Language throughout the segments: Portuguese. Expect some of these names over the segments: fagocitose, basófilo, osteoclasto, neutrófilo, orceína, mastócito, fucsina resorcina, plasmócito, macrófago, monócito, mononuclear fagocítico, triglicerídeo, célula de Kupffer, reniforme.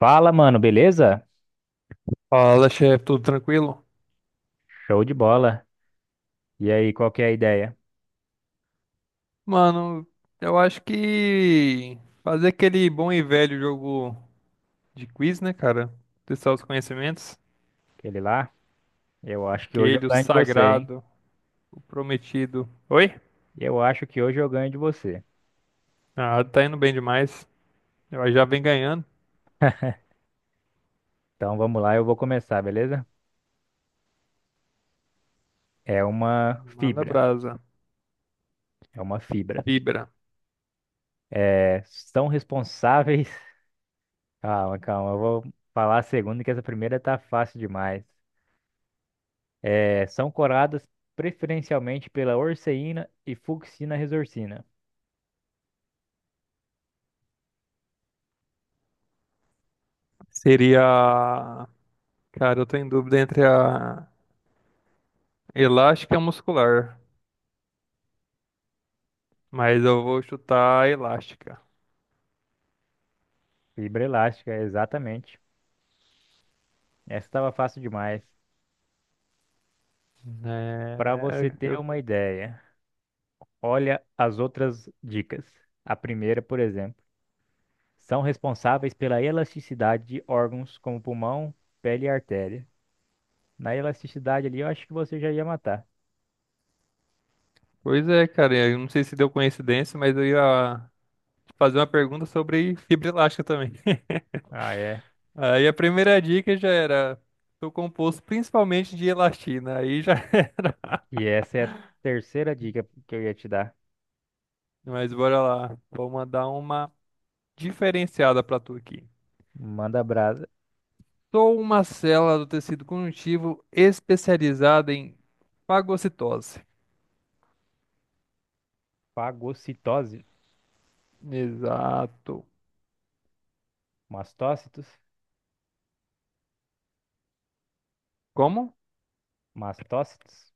Fala, mano, beleza? Fala, chefe, tudo tranquilo? Show de bola. E aí, qual que é a ideia? Mano, eu acho que fazer aquele bom e velho jogo de quiz, né, cara? Testar os conhecimentos. Aquele lá? Eu acho que hoje eu Aquele, o ganho de você, hein? sagrado, o prometido. Oi? Eu acho que hoje eu ganho de você. Ah, tá indo bem demais. Eu já vem ganhando. Então vamos lá, eu vou começar, beleza? É uma Manda fibra. brasa. É uma fibra. Vibra. É, são responsáveis. Calma, calma, eu vou falar a segunda, que essa primeira tá fácil demais. É, são coradas preferencialmente pela orceína e fucsina resorcina. Seria. Cara, eu tô em dúvida entre a elástica e a muscular. Mas eu vou chutar a elástica. Fibra elástica, exatamente. Essa estava fácil demais. Para É, você ter eu- uma ideia. Olha as outras dicas. A primeira, por exemplo, são responsáveis pela elasticidade de órgãos como pulmão, pele e artéria. Na elasticidade ali, eu acho que você já ia matar. Pois é, cara. Eu não sei se deu coincidência, mas eu ia. Fazer uma pergunta sobre fibra elástica também. Ah, é. Aí a primeira dica já era, sou composto principalmente de elastina. Aí já, E essa é a terceira dica que eu ia te dar. mas bora lá, vou mandar uma diferenciada pra tu aqui. Manda brasa. Sou uma célula do tecido conjuntivo especializada em fagocitose. Fagocitose. Exato. Mastócitos. Como? Mastócitos.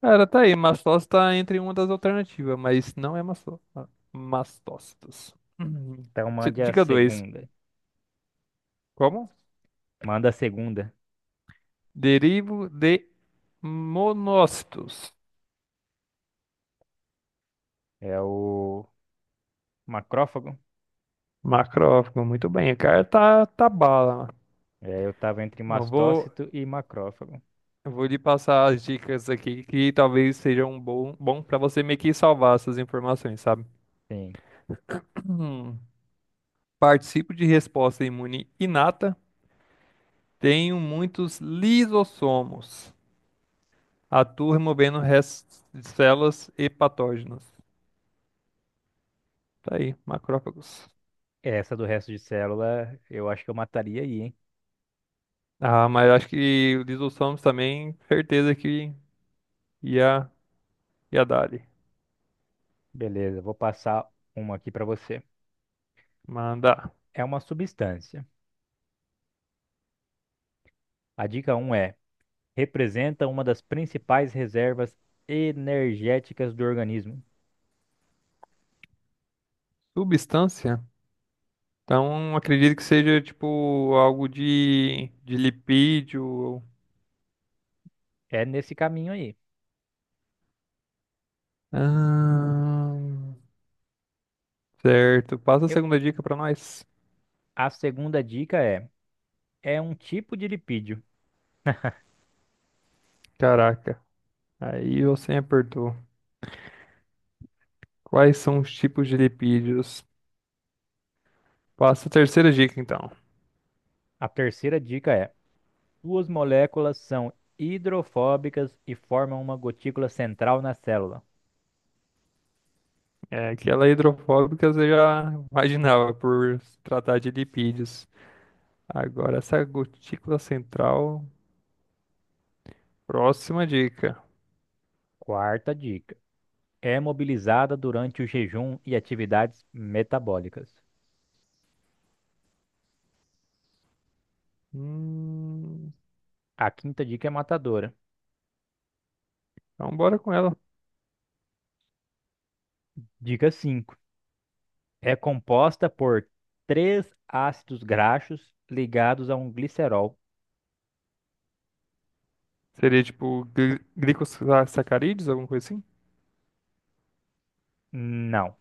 Cara, tá aí, mastose tá entre uma das alternativas, mas não é mastócitos. Uhum. Então mande a Dica 2. segunda. Como? Manda a segunda. Derivo de monócitos. É o macrófago. Macrófago, muito bem. O cara tá bala. É, eu tava entre Eu vou, mastócito e macrófago. eu vou lhe passar as dicas aqui que talvez sejam um bom para você meio que salvar essas informações, sabe? Sim. Hum. Participo de resposta imune inata. Tenho muitos lisossomos. Atuo removendo restos de células e patógenos. Tá aí, macrófagos. Essa do resto de célula, eu acho que eu mataria aí, hein? Ah, mas acho que o lisossomos também, certeza que ia, ia dar ali. Beleza, vou passar uma aqui para você. Manda. É uma substância. A dica um é: representa uma das principais reservas energéticas do organismo. Substância? Então, acredito que seja tipo algo de lipídio. É nesse caminho aí. Ahn, certo. Passa a Eu- segunda dica pra nós. a segunda dica é: é um tipo de lipídio. Caraca, aí você me apertou. Quais são os tipos de lipídios? Passa a terceira dica, então. A terceira dica é: suas moléculas são hidrofóbicas e formam uma gotícula central na célula. É que ela é hidrofóbica, você já imaginava por se tratar de lipídios. Agora, essa gotícula central. Próxima dica. Quarta dica. É mobilizada durante o jejum e atividades metabólicas. Hum, A quinta dica é matadora. então, bora com ela. Dica 5. É composta por três ácidos graxos ligados a um glicerol. Seria tipo glicosacarídeos, alguma coisa assim? Não.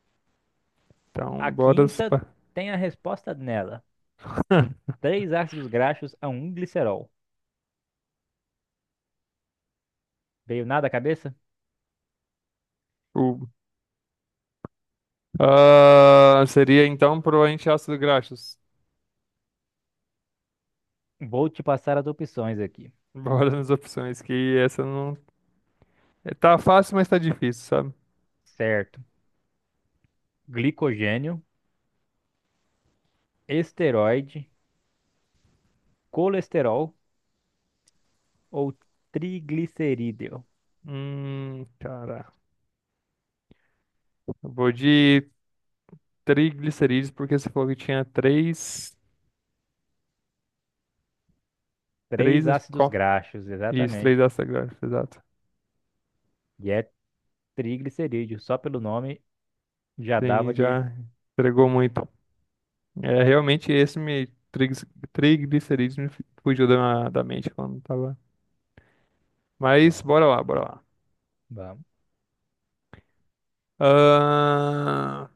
A Então, bora. Quinta tem a resposta nela. Três ácidos graxos a um glicerol. Veio nada à cabeça? O- Ah, seria então provavelmente ácido graxos. Vou te passar as opções aqui. Bora nas opções, que essa não. É, tá fácil, mas tá difícil, sabe? Certo. Glicogênio, esteroide, colesterol ou triglicerídeo. Cara. Eu vou de triglicerídeos, porque você falou que tinha três. Três. Três ácidos graxos, Isso, exatamente. três ácidos graxos, exato. E é triglicerídeo. Só pelo nome já dava Sim, de. já entregou muito. É, realmente esse me. Triglicerídeos me fugiu da mente quando tava. Mas Vamos. bora lá, bora lá. Vamos. Ahn,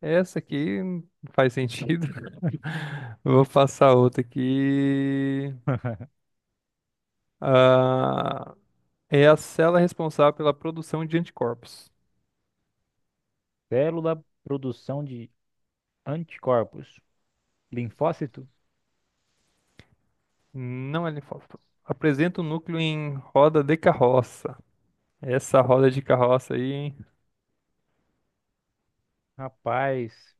essa aqui não faz sentido. Vou passar outra aqui. Ah, é a célula responsável pela produção de anticorpos. Célula produção de anticorpos. Linfócito? Não é linfócito. Apresenta o núcleo em roda de carroça. Essa roda de carroça aí, hein? Rapaz,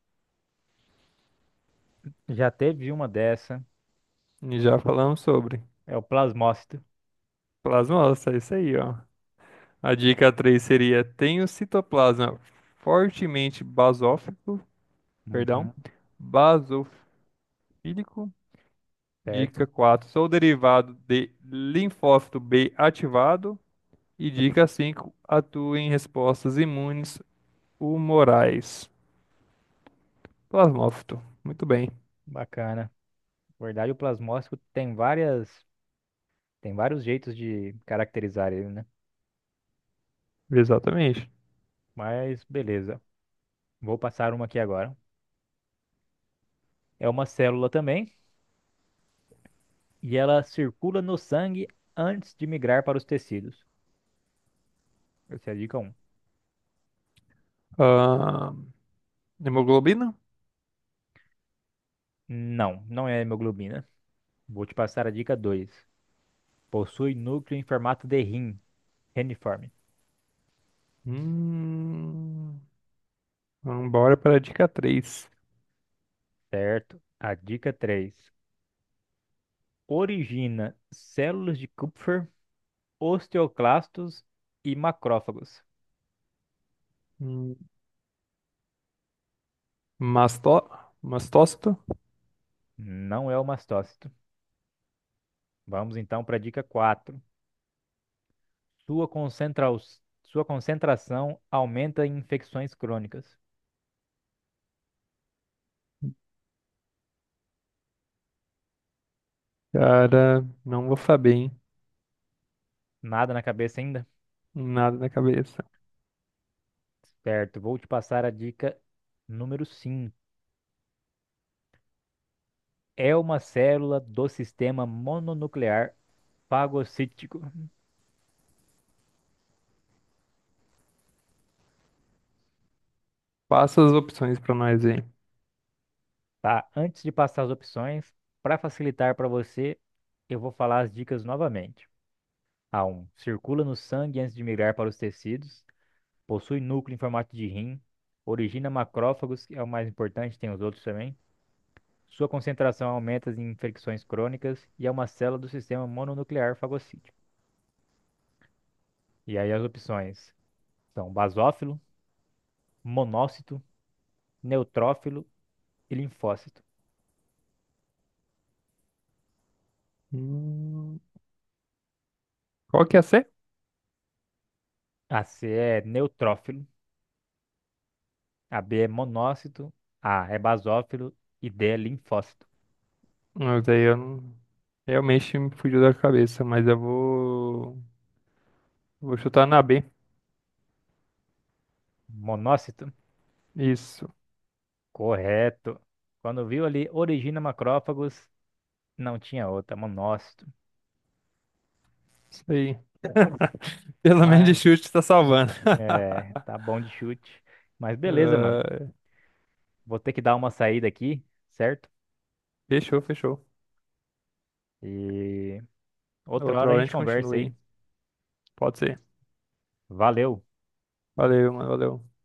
já teve uma dessa. Já falamos sobre. É o plasmócito. Plasmócito, é isso aí, ó. A dica 3 seria: tem o citoplasma fortemente basófico, perdão, Uhum, basofílico. Fílico. Dica certo? 4: sou derivado de linfócito B ativado. E dica 5: atuo em respostas imunes humorais. Plasmófito. Muito bem. Bacana. Na verdade, o plasmócito tem tem vários jeitos de caracterizar ele, né? Exatamente. Mas beleza. Vou passar uma aqui agora. É uma célula também, e ela circula no sangue antes de migrar para os tecidos. Essa é a dica 1. Ah, hemoglobina? Não, não é hemoglobina. Vou te passar a dica 2. Possui núcleo em formato de rim, reniforme. Hum, vamos bora para a dica 3. Certo. A dica 3. Origina células de Kupffer, osteoclastos e macrófagos. Hum, masto- mastócito? Não é o mastócito. Vamos então para a dica 4. Sua concentra- Sua concentração aumenta em infecções crônicas. Cara, não vou saber, hein? Nada na cabeça ainda? Nada na cabeça. Certo, vou te passar a dica número cinco. É uma célula do sistema mononuclear fagocítico. Passa as opções para nós, hein. Tá? Antes de passar as opções, para facilitar para você, eu vou falar as dicas novamente. A um: circula no sangue antes de migrar para os tecidos. Possui núcleo em formato de rim. Origina macrófagos, que é o mais importante, tem os outros também. Sua concentração aumenta em infecções crônicas e é uma célula do sistema mononuclear fagocítico. E aí as opções são basófilo, monócito, neutrófilo e linfócito. Hum, qual que é a C? A C é neutrófilo, a B é monócito, A é basófilo e D é linfócito. Mas aí eu não... Realmente me fugiu da cabeça, mas eu vou... Vou chutar na B. Monócito? Isso. Correto. Quando viu ali origina macrófagos, não tinha outra, monócito. Isso aí. Pelo menos de Mas chute tá salvando. é, tá bom de chute. Mas beleza, mano. Ah, Vou ter que dar uma saída aqui, certo? fechou, fechou. E outra Outra hora a hora a gente gente continua conversa aí. aí. Pode ser. Valeu. Valeu, mano. Valeu.